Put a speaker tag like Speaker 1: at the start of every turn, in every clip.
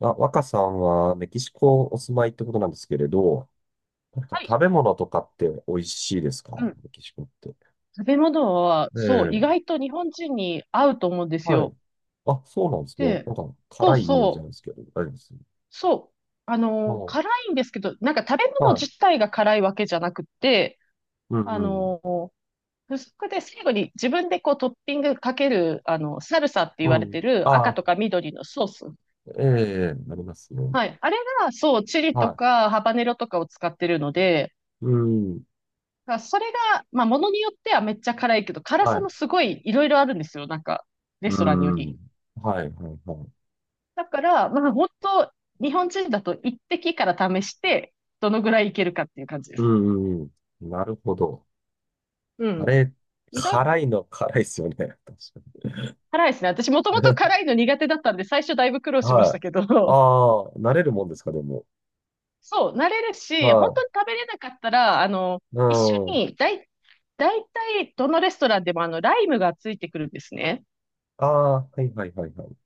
Speaker 1: あ、若さんはメキシコお住まいってことなんですけれど、なんか
Speaker 2: はい。
Speaker 1: 食べ物とかって美味しいですか？
Speaker 2: うん。
Speaker 1: メキシコって。
Speaker 2: 食べ物は、
Speaker 1: え
Speaker 2: そう、意
Speaker 1: え、
Speaker 2: 外と日本人に合うと思うんです
Speaker 1: はい。
Speaker 2: よ。
Speaker 1: あ、そうなんですね。
Speaker 2: で、
Speaker 1: なんか
Speaker 2: そ
Speaker 1: 辛
Speaker 2: う
Speaker 1: いイメージなん
Speaker 2: そ
Speaker 1: です
Speaker 2: う、
Speaker 1: けど、大丈夫です。
Speaker 2: そう。あ
Speaker 1: は
Speaker 2: の
Speaker 1: い。
Speaker 2: 辛いんですけど、なんか食べ物
Speaker 1: は
Speaker 2: 自
Speaker 1: い。
Speaker 2: 体が辛いわけじゃなくて、
Speaker 1: う
Speaker 2: あ
Speaker 1: んうん。
Speaker 2: の付属で最後に自分でこうトッピングかける、サルサって言
Speaker 1: う
Speaker 2: われ
Speaker 1: ん。
Speaker 2: てる赤
Speaker 1: あ、
Speaker 2: とか緑のソース。
Speaker 1: ええ、なりますね。
Speaker 2: はい。あれが、そう、チリと
Speaker 1: は
Speaker 2: かハバネロとかを使ってるので、
Speaker 1: い。うん。
Speaker 2: だからそれが、まあ、ものによってはめっちゃ辛いけど、辛
Speaker 1: は
Speaker 2: さ
Speaker 1: い。
Speaker 2: もすごいいろいろあるんですよ。なんか、レス
Speaker 1: う
Speaker 2: トランによ
Speaker 1: ん。
Speaker 2: り。
Speaker 1: はい、はい、はい。
Speaker 2: だから、まあ本当、日本人だと一滴から試して、どのぐらいいけるかっていう感じで
Speaker 1: う
Speaker 2: す。
Speaker 1: んうんうん。なるほど。
Speaker 2: う
Speaker 1: あ
Speaker 2: ん。
Speaker 1: れ、
Speaker 2: 意外、
Speaker 1: 辛いの辛いですよね。確か
Speaker 2: 辛いですね。私もともと
Speaker 1: に。
Speaker 2: 辛い の苦手だったんで、最初だいぶ苦労しまし
Speaker 1: は
Speaker 2: た
Speaker 1: い。
Speaker 2: け
Speaker 1: あ
Speaker 2: ど、
Speaker 1: あ、慣れるもんですか、でも。
Speaker 2: そう、慣れるし、本
Speaker 1: は
Speaker 2: 当に食べれなかったら、
Speaker 1: い。う
Speaker 2: 一緒
Speaker 1: ん。
Speaker 2: に、だい、だいたいどのレストランでもライムがついてくるんですね。
Speaker 1: ああ、はいはいはいはい。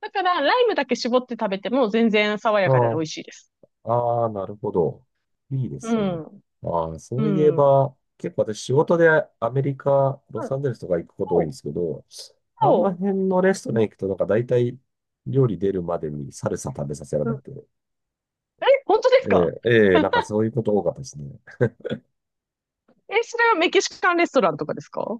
Speaker 2: だから、ライムだけ絞って食べても全然爽
Speaker 1: う
Speaker 2: やかで美
Speaker 1: ん。
Speaker 2: 味しいです。
Speaker 1: ああ、なるほど。いいで
Speaker 2: う
Speaker 1: すね。
Speaker 2: ん。
Speaker 1: ああ、そ
Speaker 2: う
Speaker 1: ういえ
Speaker 2: ん。うん、
Speaker 1: ば、結構私仕事でアメリカ、ロサンゼルスとか行くこと多
Speaker 2: そ
Speaker 1: い
Speaker 2: う、
Speaker 1: んですけど、あの
Speaker 2: そ
Speaker 1: 辺のレストラン行くとなんか大体料理出るまでにサルサ食べさせら
Speaker 2: う。う
Speaker 1: れ
Speaker 2: ん、
Speaker 1: て、
Speaker 2: え、本当です
Speaker 1: え
Speaker 2: か？
Speaker 1: え、ええなんかそういうこと多かったですね。
Speaker 2: え、それはメキシカンレストランとかですか？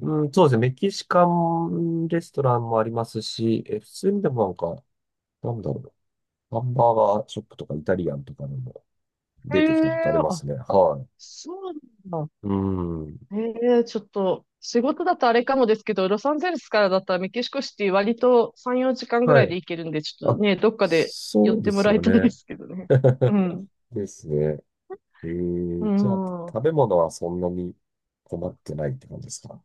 Speaker 1: うん、そうですね。メキシカンレストランもありますし、え、普通にでもなんか、なんだろう。ハンバーガーショップとかイタリアンとかでも
Speaker 2: へ
Speaker 1: 出てきたことあり
Speaker 2: え、
Speaker 1: ま
Speaker 2: あ、
Speaker 1: すね。は
Speaker 2: そうなんだ。
Speaker 1: い。うん。
Speaker 2: へえ、ちょっと、仕事だとあれかもですけど、ロサンゼルスからだったらメキシコシティ割と3、4時間ぐら
Speaker 1: は
Speaker 2: いで
Speaker 1: い。
Speaker 2: 行けるんで、ちょっと
Speaker 1: あ、
Speaker 2: ね、どっかで寄
Speaker 1: そ
Speaker 2: っ
Speaker 1: う
Speaker 2: て
Speaker 1: で
Speaker 2: も
Speaker 1: す
Speaker 2: らい
Speaker 1: よ
Speaker 2: たいで
Speaker 1: ね。
Speaker 2: すけどね。う ん。
Speaker 1: ですね。
Speaker 2: う
Speaker 1: じゃあ、
Speaker 2: ん。
Speaker 1: 食べ物はそんなに困ってないって感じですか？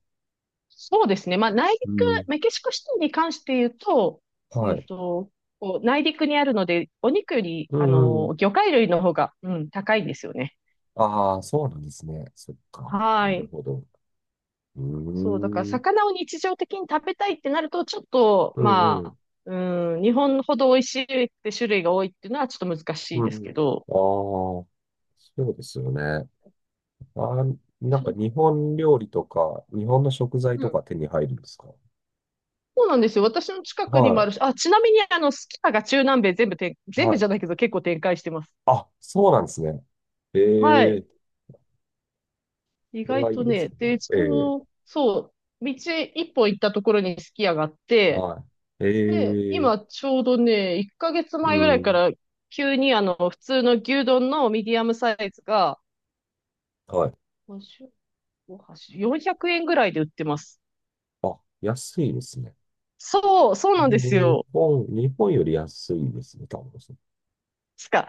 Speaker 2: そうですね。まあ、内
Speaker 1: うん。
Speaker 2: 陸、メキシコシティに関して言うと、え
Speaker 1: はい。
Speaker 2: っと、こう内陸にあるので、お肉より、
Speaker 1: う
Speaker 2: あ
Speaker 1: んうん。
Speaker 2: の、魚介類の方が、うん、高いんですよね。
Speaker 1: ああ、そうなんですね。そっか。な
Speaker 2: は
Speaker 1: る
Speaker 2: い。
Speaker 1: ほど。う
Speaker 2: そう、だから
Speaker 1: ーん。
Speaker 2: 魚を日常的に食べたいってなると、ちょっと、
Speaker 1: うんう
Speaker 2: まあ、
Speaker 1: ん。
Speaker 2: うん、日本ほど美味しいって種類が多いっていうのはちょっと難しい
Speaker 1: う
Speaker 2: です
Speaker 1: ん。
Speaker 2: けど、
Speaker 1: ああ、そうですよね。あー、なん
Speaker 2: そ
Speaker 1: か
Speaker 2: う、
Speaker 1: 日本料理とか、日本の食材
Speaker 2: う
Speaker 1: と
Speaker 2: ん、
Speaker 1: か手に入るんですか？
Speaker 2: そうなんですよ。私の近くにもあ
Speaker 1: は
Speaker 2: るし、あ、ちなみに、あの、スキヤが中南米
Speaker 1: い。
Speaker 2: 全
Speaker 1: は
Speaker 2: 部じ
Speaker 1: い。
Speaker 2: ゃないけど結構展開してます。
Speaker 1: あ、そうなんですね。
Speaker 2: は
Speaker 1: え
Speaker 2: い。
Speaker 1: え、
Speaker 2: 意
Speaker 1: これ
Speaker 2: 外
Speaker 1: はい
Speaker 2: と
Speaker 1: いで
Speaker 2: ね、
Speaker 1: すね。
Speaker 2: で、
Speaker 1: ええ、
Speaker 2: 道一本行ったところにすき家があって、
Speaker 1: はい。
Speaker 2: で、
Speaker 1: ええ、
Speaker 2: 今ちょうどね、1ヶ月
Speaker 1: う
Speaker 2: 前ぐらいか
Speaker 1: ん、
Speaker 2: ら急にあの、普通の牛丼のミディアムサイズが、
Speaker 1: はい。
Speaker 2: 400円ぐらいで売ってます。
Speaker 1: あ、安いですね。
Speaker 2: そうなんです
Speaker 1: 日
Speaker 2: よ。
Speaker 1: 本、日本より安いですね、多分ですね。
Speaker 2: しか。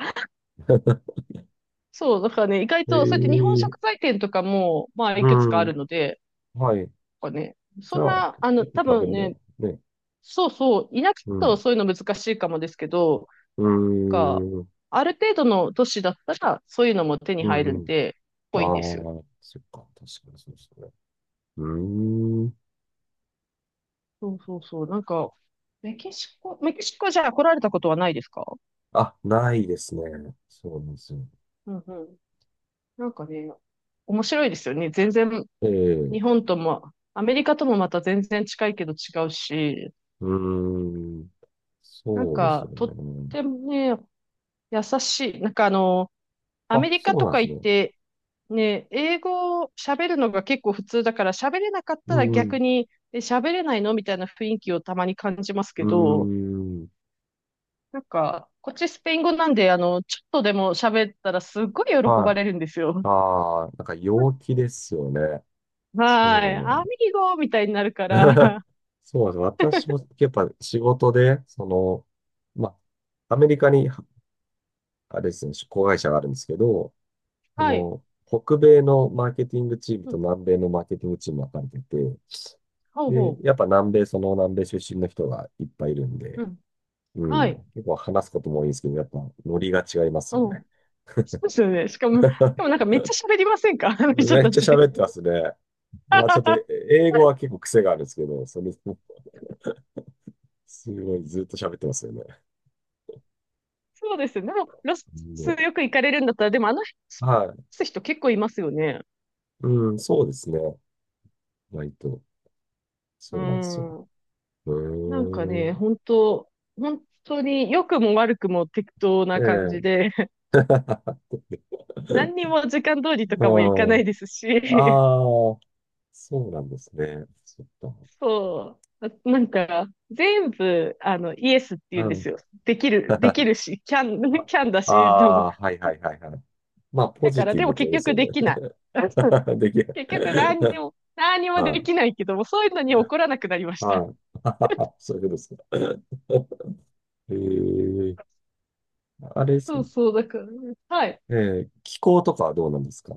Speaker 2: そう、だからね、意外
Speaker 1: え
Speaker 2: と、そうやって日本
Speaker 1: え、
Speaker 2: 食材店とかも、まあ、
Speaker 1: う
Speaker 2: いくつかあ
Speaker 1: ん、
Speaker 2: るので、
Speaker 1: はい。
Speaker 2: なんかね、
Speaker 1: じ
Speaker 2: そん
Speaker 1: ゃあ、
Speaker 2: な、あの、
Speaker 1: 結構
Speaker 2: 多
Speaker 1: 食べ
Speaker 2: 分
Speaker 1: るのは
Speaker 2: ね、
Speaker 1: ね、
Speaker 2: そうそう、田舎だ
Speaker 1: う
Speaker 2: と
Speaker 1: ん、
Speaker 2: そういうの難しいかもですけど、
Speaker 1: う
Speaker 2: か、
Speaker 1: ん、うん、
Speaker 2: ある程度の都市だったら、そういうのも手に
Speaker 1: う
Speaker 2: 入るん
Speaker 1: ん。
Speaker 2: で、
Speaker 1: ああ、
Speaker 2: ぽいですよ。
Speaker 1: そっか、確かにそうですね。うーん。
Speaker 2: そうそうそう。なんか、メキシコじゃあ来られたことはないですか？
Speaker 1: あ、ないですね。そうなんですよ。
Speaker 2: うんうん。なんかね、面白いですよね。全然、
Speaker 1: え
Speaker 2: 日
Speaker 1: え
Speaker 2: 本とも、アメリカともまた全然近いけど違うし、
Speaker 1: うーん。
Speaker 2: なん
Speaker 1: そうですよ
Speaker 2: か、とっ
Speaker 1: ね。
Speaker 2: てもね、優しい。なんかあの、ア
Speaker 1: あ、
Speaker 2: メリカ
Speaker 1: そう
Speaker 2: と
Speaker 1: なんで
Speaker 2: か
Speaker 1: す
Speaker 2: 行っ
Speaker 1: ね。
Speaker 2: て、ね、英語を喋るのが結構普通だから、喋れなかった
Speaker 1: う
Speaker 2: ら
Speaker 1: ん。
Speaker 2: 逆に、え、喋れないのみたいな雰囲気をたまに感じますけど、
Speaker 1: うん。
Speaker 2: なんか、こっちスペイン語なんで、あの、ちょっとでも喋ったらすっごい喜
Speaker 1: は
Speaker 2: ば
Speaker 1: い。
Speaker 2: れるんですよ。
Speaker 1: ああ、なんか陽気ですよね。
Speaker 2: はい。ア
Speaker 1: そ
Speaker 2: ミ
Speaker 1: う。
Speaker 2: ーゴみたいになるから、
Speaker 1: そうなんです。私もやっぱ仕事で、その、まあ、アメリカに、あれですね、子会社があるんですけど、そ
Speaker 2: はい。
Speaker 1: の、北米のマーケティングチーム
Speaker 2: うん、
Speaker 1: と南米のマーケティングチームが分かれてて、
Speaker 2: ほう
Speaker 1: で、
Speaker 2: ほ
Speaker 1: やっぱ南米、その南米出身の人がいっぱいいるん
Speaker 2: う。う
Speaker 1: で、
Speaker 2: ん。
Speaker 1: う
Speaker 2: は
Speaker 1: ん。
Speaker 2: い。
Speaker 1: 結構話すことも多いんですけど、やっぱノリが違います
Speaker 2: う
Speaker 1: よね。
Speaker 2: ん。そうですよね。しかも、しかもなん かめっちゃ喋りませんか？ あの人
Speaker 1: めっ
Speaker 2: た
Speaker 1: ちゃ
Speaker 2: ち。
Speaker 1: 喋ってますね。まあちょっと英語は結構癖があるんですけど、それすごいずっと喋ってますよね。
Speaker 2: そうです。でも、ロス
Speaker 1: うん
Speaker 2: よく行かれるんだったら、でもあの辺ロ
Speaker 1: はい。
Speaker 2: ス人結構いますよね。
Speaker 1: うん、そうですね。割と。
Speaker 2: う
Speaker 1: そうなんですよ。
Speaker 2: ん。
Speaker 1: う
Speaker 2: なんか
Speaker 1: ー
Speaker 2: ね、
Speaker 1: ん。
Speaker 2: 本当本当に良くも悪くも適当
Speaker 1: え
Speaker 2: な感じ
Speaker 1: え。
Speaker 2: で、何に も時間通りと
Speaker 1: う
Speaker 2: かも行かな
Speaker 1: ん。
Speaker 2: いですし、
Speaker 1: あ あ、そうなんですね。そっか。
Speaker 2: そう。あなんか、全部、あの、イエスって言うん
Speaker 1: う
Speaker 2: で
Speaker 1: ん。
Speaker 2: すよ。でき るし、キャン、キャンだし、でも、
Speaker 1: ああー、はいはいはいはい。まあ、ポ
Speaker 2: だか
Speaker 1: ジ
Speaker 2: ら、
Speaker 1: ティ
Speaker 2: で
Speaker 1: ブっ
Speaker 2: も
Speaker 1: てこと
Speaker 2: 結
Speaker 1: です
Speaker 2: 局
Speaker 1: よね。
Speaker 2: できない。
Speaker 1: できる。
Speaker 2: 結局何にもで
Speaker 1: はい
Speaker 2: きないけども、そういうのに怒らなくなりました。
Speaker 1: はい。そういうことですか。ええあれですか
Speaker 2: そう
Speaker 1: ね。
Speaker 2: そう、だからね、はい。
Speaker 1: え気候とかはどうなんですか？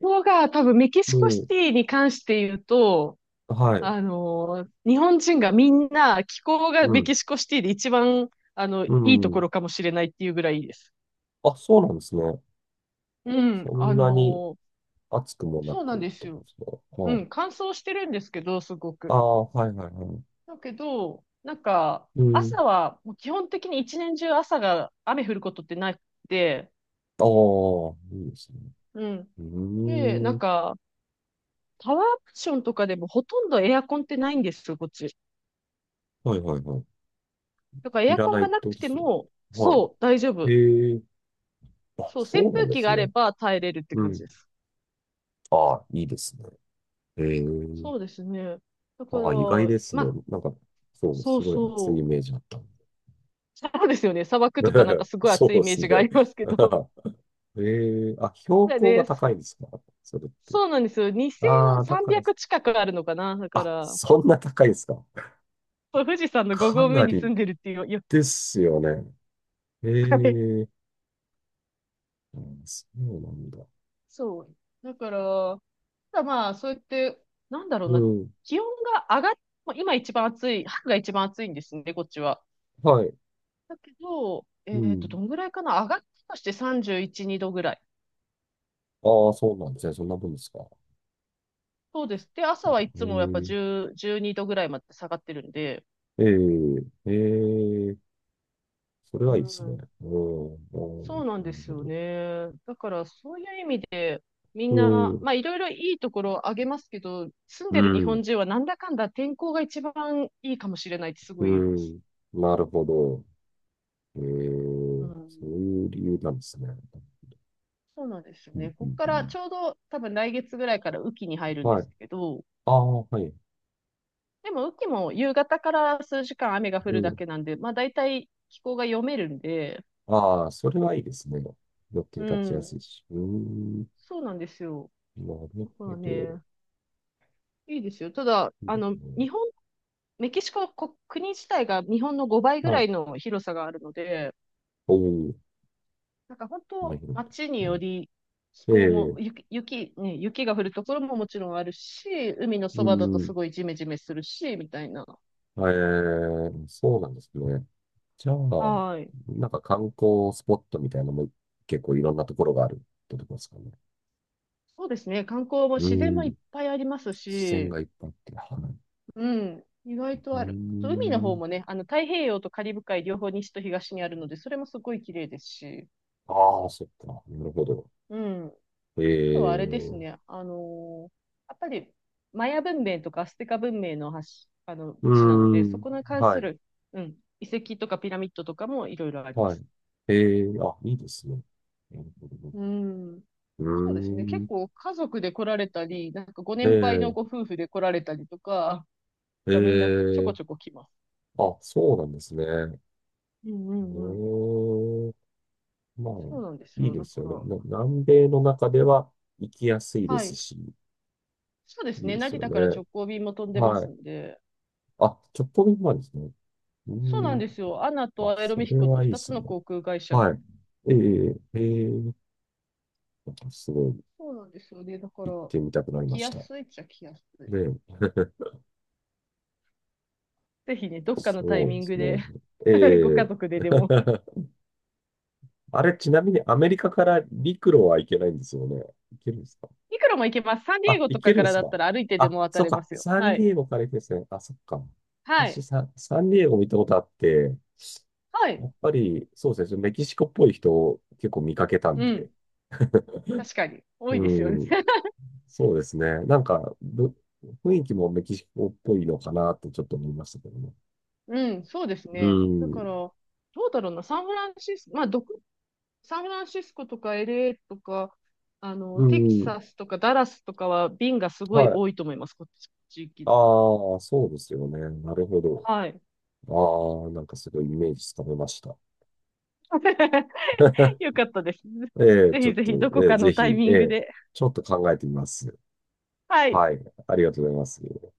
Speaker 2: こが多分メキ
Speaker 1: う
Speaker 2: シコシ
Speaker 1: ん。
Speaker 2: ティに関して言うと、
Speaker 1: はい。
Speaker 2: あのー日本人がみんな気候が
Speaker 1: う
Speaker 2: メ
Speaker 1: ん。
Speaker 2: キシコシティで一番、あの、い
Speaker 1: う
Speaker 2: いとこ
Speaker 1: ん。
Speaker 2: ろかもしれないっていうぐらいいいです。
Speaker 1: あ、そうなんですね。
Speaker 2: うん、
Speaker 1: そ
Speaker 2: あ
Speaker 1: んなに
Speaker 2: のー
Speaker 1: 暑くもな
Speaker 2: そうな
Speaker 1: く
Speaker 2: ん
Speaker 1: っ
Speaker 2: で
Speaker 1: て
Speaker 2: す
Speaker 1: こと
Speaker 2: よ。
Speaker 1: ですか。
Speaker 2: う
Speaker 1: はい。
Speaker 2: ん、乾燥してるんですけど、すご
Speaker 1: あ
Speaker 2: く。
Speaker 1: あ、はいはいはい。
Speaker 2: だけど、なんか、
Speaker 1: うん。
Speaker 2: 朝はもう基本的に一年中朝が雨降ることってなくて、
Speaker 1: ああ、いいですね。
Speaker 2: うん。
Speaker 1: う
Speaker 2: で、な
Speaker 1: ー
Speaker 2: ん
Speaker 1: ん。
Speaker 2: か、タワーアプションとかでもほとんどエアコンってないんですよ、こっち。
Speaker 1: はいはいはい。
Speaker 2: だからエ
Speaker 1: い
Speaker 2: ア
Speaker 1: ら
Speaker 2: コン
Speaker 1: ないっ
Speaker 2: が
Speaker 1: て
Speaker 2: な
Speaker 1: こと
Speaker 2: く
Speaker 1: で
Speaker 2: て
Speaker 1: すよね。
Speaker 2: も、
Speaker 1: は
Speaker 2: そう、大丈
Speaker 1: い。
Speaker 2: 夫。
Speaker 1: ええあ、
Speaker 2: そう、扇
Speaker 1: そうなん
Speaker 2: 風
Speaker 1: で
Speaker 2: 機
Speaker 1: す
Speaker 2: があれ
Speaker 1: ね。
Speaker 2: ば耐えれるって
Speaker 1: う
Speaker 2: 感じ
Speaker 1: ん。
Speaker 2: です。
Speaker 1: ああ、いいですね。ええ
Speaker 2: そうですね。だか
Speaker 1: あ
Speaker 2: ら、
Speaker 1: あ、意外です
Speaker 2: ま
Speaker 1: ね。
Speaker 2: あ、
Speaker 1: なんか、そう、
Speaker 2: そ
Speaker 1: す
Speaker 2: う
Speaker 1: ごい熱
Speaker 2: そ
Speaker 1: い
Speaker 2: う。
Speaker 1: イメージあったん
Speaker 2: そうですよね。砂漠
Speaker 1: で。
Speaker 2: とかなんか すごい
Speaker 1: そう
Speaker 2: 暑いイ
Speaker 1: で
Speaker 2: メー
Speaker 1: すね。
Speaker 2: ジがありますけど。
Speaker 1: ええあ、標高が高
Speaker 2: そ
Speaker 1: いん
Speaker 2: う、
Speaker 1: ですか？それって。
Speaker 2: そうなんですよ。
Speaker 1: ああ、だから、
Speaker 2: 2300近くあるのかな。だか
Speaker 1: あ、
Speaker 2: ら、
Speaker 1: そんな高いんですか？
Speaker 2: そう富士山 の5
Speaker 1: か
Speaker 2: 合目
Speaker 1: な
Speaker 2: に住
Speaker 1: り
Speaker 2: んでるっていう、
Speaker 1: ですよね。
Speaker 2: はい。
Speaker 1: ええあそうなんだ。
Speaker 2: そう。だから、ただまあ、そうやって、なんだろう
Speaker 1: う
Speaker 2: な、
Speaker 1: ん。
Speaker 2: 気温が上がっ、まあ今一番暑い、春が一番暑いんですね、こっちは。
Speaker 1: はい。
Speaker 2: だけど、
Speaker 1: う
Speaker 2: ど
Speaker 1: ん。
Speaker 2: んぐらいかな上がったとして31、2度ぐらい。
Speaker 1: ああ、そうなんですね。そんな分ですか。
Speaker 2: そうです。で、朝はいつもやっぱ
Speaker 1: え
Speaker 2: 10、12度ぐらいまで下がってるんで、
Speaker 1: えええええそれ
Speaker 2: う
Speaker 1: はいいですね。
Speaker 2: ん。
Speaker 1: うん。う
Speaker 2: そ
Speaker 1: ん
Speaker 2: うなん
Speaker 1: な
Speaker 2: で
Speaker 1: る
Speaker 2: す
Speaker 1: ほ
Speaker 2: よ
Speaker 1: ど。
Speaker 2: ね。だからそういう意味で、みん
Speaker 1: う
Speaker 2: な、
Speaker 1: ん。
Speaker 2: まあいろいろいいところをあげますけど、住ん
Speaker 1: う
Speaker 2: でる日
Speaker 1: ん。
Speaker 2: 本人はなんだかんだ天候が一番いいかもしれないってす
Speaker 1: う
Speaker 2: ごい言います。
Speaker 1: ん。なるほど。え
Speaker 2: う
Speaker 1: ー、
Speaker 2: ん。
Speaker 1: そういう理由なんですね。
Speaker 2: そうなんですよ
Speaker 1: う
Speaker 2: ね。
Speaker 1: んう
Speaker 2: ここ
Speaker 1: ん
Speaker 2: か
Speaker 1: う
Speaker 2: ら
Speaker 1: ん。
Speaker 2: ちょうど多分来月ぐらいから雨季に入るんで
Speaker 1: はい。
Speaker 2: すけど、
Speaker 1: ああ、はい。
Speaker 2: でも、雨季も夕方から数時間雨が降
Speaker 1: う
Speaker 2: るだ
Speaker 1: ん。
Speaker 2: けなんで、まあ大体気候が読めるんで、
Speaker 1: ああ、それはいいですね。予定
Speaker 2: う
Speaker 1: 立ちやすい
Speaker 2: ん、
Speaker 1: し。うーん。
Speaker 2: そうなんですよ。
Speaker 1: なる
Speaker 2: だか
Speaker 1: ほ
Speaker 2: ら
Speaker 1: ど。
Speaker 2: ね、いいですよ。ただ、
Speaker 1: いい
Speaker 2: あ
Speaker 1: です
Speaker 2: の、
Speaker 1: ね。
Speaker 2: メキシコ国、国自体が日本の5倍ぐ
Speaker 1: は
Speaker 2: ら
Speaker 1: い。
Speaker 2: いの広さがあるので、
Speaker 1: おお、
Speaker 2: なんか本
Speaker 1: こんな
Speaker 2: 当、
Speaker 1: るほ
Speaker 2: 街によ
Speaker 1: ど。
Speaker 2: り気候
Speaker 1: え
Speaker 2: も、
Speaker 1: え
Speaker 2: 雪が降るところももちろんあるし、海のそ
Speaker 1: う
Speaker 2: ばだとす
Speaker 1: ん。
Speaker 2: ごいジメジメするし、みたいな。
Speaker 1: えー、そうなんですね。じゃあ、
Speaker 2: はい。
Speaker 1: なんか観光スポットみたいなのも結構いろんなところがあるってとこですかね。
Speaker 2: そうですね。観光も
Speaker 1: う
Speaker 2: 自然もいっ
Speaker 1: ん。
Speaker 2: ぱいあります
Speaker 1: 視線
Speaker 2: し、
Speaker 1: がいっぱいあって。はい
Speaker 2: うん。意外
Speaker 1: うー
Speaker 2: とある。あと海の方
Speaker 1: ん。
Speaker 2: もね、あの、太平洋とカリブ海両方西と東にあるので、それもすごい綺麗ですし。
Speaker 1: ああ、そっか。なるほど。
Speaker 2: うん。あ
Speaker 1: え
Speaker 2: と
Speaker 1: え
Speaker 2: はあれです
Speaker 1: う
Speaker 2: ね。あのーやっぱり、マヤ文明とかアステカ文明のあの、
Speaker 1: ー
Speaker 2: 地なので、そ
Speaker 1: ん。
Speaker 2: こに関
Speaker 1: は
Speaker 2: す
Speaker 1: い。
Speaker 2: る、うん、遺跡とかピラミッドとかもいろいろありま
Speaker 1: はい。
Speaker 2: す。
Speaker 1: ええあ、いいですね。なるほどね。
Speaker 2: うん。
Speaker 1: うー
Speaker 2: そうですね。結
Speaker 1: ん。
Speaker 2: 構家族で来られたり、なんかご
Speaker 1: え
Speaker 2: 年配の
Speaker 1: え
Speaker 2: ご夫婦で来られたりとか、がみんなちょこ
Speaker 1: ええ
Speaker 2: ちょこ来ます。
Speaker 1: あ、そうなんですね。う
Speaker 2: うんうんうん。
Speaker 1: ーまあ、
Speaker 2: そうなんです
Speaker 1: いい
Speaker 2: よ。
Speaker 1: で
Speaker 2: だか
Speaker 1: すよね。
Speaker 2: ら、
Speaker 1: 南米の中では行きやすいで
Speaker 2: は
Speaker 1: す
Speaker 2: い。
Speaker 1: し、
Speaker 2: そうです
Speaker 1: いい
Speaker 2: ね。
Speaker 1: です
Speaker 2: 成
Speaker 1: よ
Speaker 2: 田から
Speaker 1: ね。
Speaker 2: 直行便も飛んでま
Speaker 1: は
Speaker 2: す
Speaker 1: い。
Speaker 2: んで。
Speaker 1: あ、ちょっと前ですね。うー
Speaker 2: そうなん
Speaker 1: ん。
Speaker 2: ですよ。アナ
Speaker 1: あ、
Speaker 2: とアエロ
Speaker 1: そ
Speaker 2: ミヒ
Speaker 1: れ
Speaker 2: コと
Speaker 1: はいいで
Speaker 2: 2
Speaker 1: す
Speaker 2: つの
Speaker 1: ね。
Speaker 2: 航空会社
Speaker 1: は
Speaker 2: が。
Speaker 1: い。ええええすごい。
Speaker 2: そうなんですよね。だか
Speaker 1: 行っ
Speaker 2: ら、
Speaker 1: てみたくなりま
Speaker 2: 来
Speaker 1: し
Speaker 2: や
Speaker 1: た。
Speaker 2: すいっちゃ来やすい。
Speaker 1: で、
Speaker 2: ぜひね、どっかのタイ
Speaker 1: そう
Speaker 2: ミ
Speaker 1: で
Speaker 2: ング
Speaker 1: す
Speaker 2: で
Speaker 1: ね。
Speaker 2: ご家
Speaker 1: え
Speaker 2: 族
Speaker 1: え
Speaker 2: ででも。
Speaker 1: あれ、ちなみにアメリカから陸路は行けないんですよね。行けるんですか？
Speaker 2: いくらも行けます。サンディエ
Speaker 1: あ、
Speaker 2: ゴと
Speaker 1: 行
Speaker 2: か
Speaker 1: けるん
Speaker 2: か
Speaker 1: で
Speaker 2: ら
Speaker 1: す
Speaker 2: だっ
Speaker 1: か？
Speaker 2: たら歩いてで
Speaker 1: あ、
Speaker 2: も渡
Speaker 1: そっ
Speaker 2: れま
Speaker 1: か。
Speaker 2: すよ。
Speaker 1: サン
Speaker 2: は
Speaker 1: デ
Speaker 2: い。
Speaker 1: ィエゴから行くんですね。あ、そっか。
Speaker 2: は
Speaker 1: 私
Speaker 2: い。
Speaker 1: サンディエゴ見たことあって、
Speaker 2: は
Speaker 1: や
Speaker 2: い。
Speaker 1: っぱり、そうですね。メキシコっぽい人を結構見かけたん
Speaker 2: う
Speaker 1: で。
Speaker 2: ん。確かに。多いで
Speaker 1: う
Speaker 2: すよね。
Speaker 1: ん。そうですね。なんか、雰囲気もメキシコっぽいのかなってちょっと思いましたけどね。
Speaker 2: うん、そうです
Speaker 1: う
Speaker 2: ね。だから、
Speaker 1: ん。
Speaker 2: どうだろうな、サンフランシスコとか LA とか、あの、
Speaker 1: う
Speaker 2: テキ
Speaker 1: ん。
Speaker 2: サスとかダラスとかは便がすご
Speaker 1: は
Speaker 2: い
Speaker 1: い。
Speaker 2: 多いと思います、こっち、地域の。
Speaker 1: ああ、そうですよね。なるほど。
Speaker 2: はい。
Speaker 1: ああ、なんかすごいイメージつかめました。
Speaker 2: よかったです。
Speaker 1: ええ、
Speaker 2: ぜ
Speaker 1: ちょ
Speaker 2: ひ
Speaker 1: っ
Speaker 2: ぜ
Speaker 1: と、
Speaker 2: ひどこ
Speaker 1: ええ、
Speaker 2: かの
Speaker 1: ぜ
Speaker 2: タイ
Speaker 1: ひ、
Speaker 2: ミ
Speaker 1: え
Speaker 2: ング
Speaker 1: え、
Speaker 2: で。
Speaker 1: ちょっと考えてみます。
Speaker 2: はい。
Speaker 1: はい、ありがとうございます。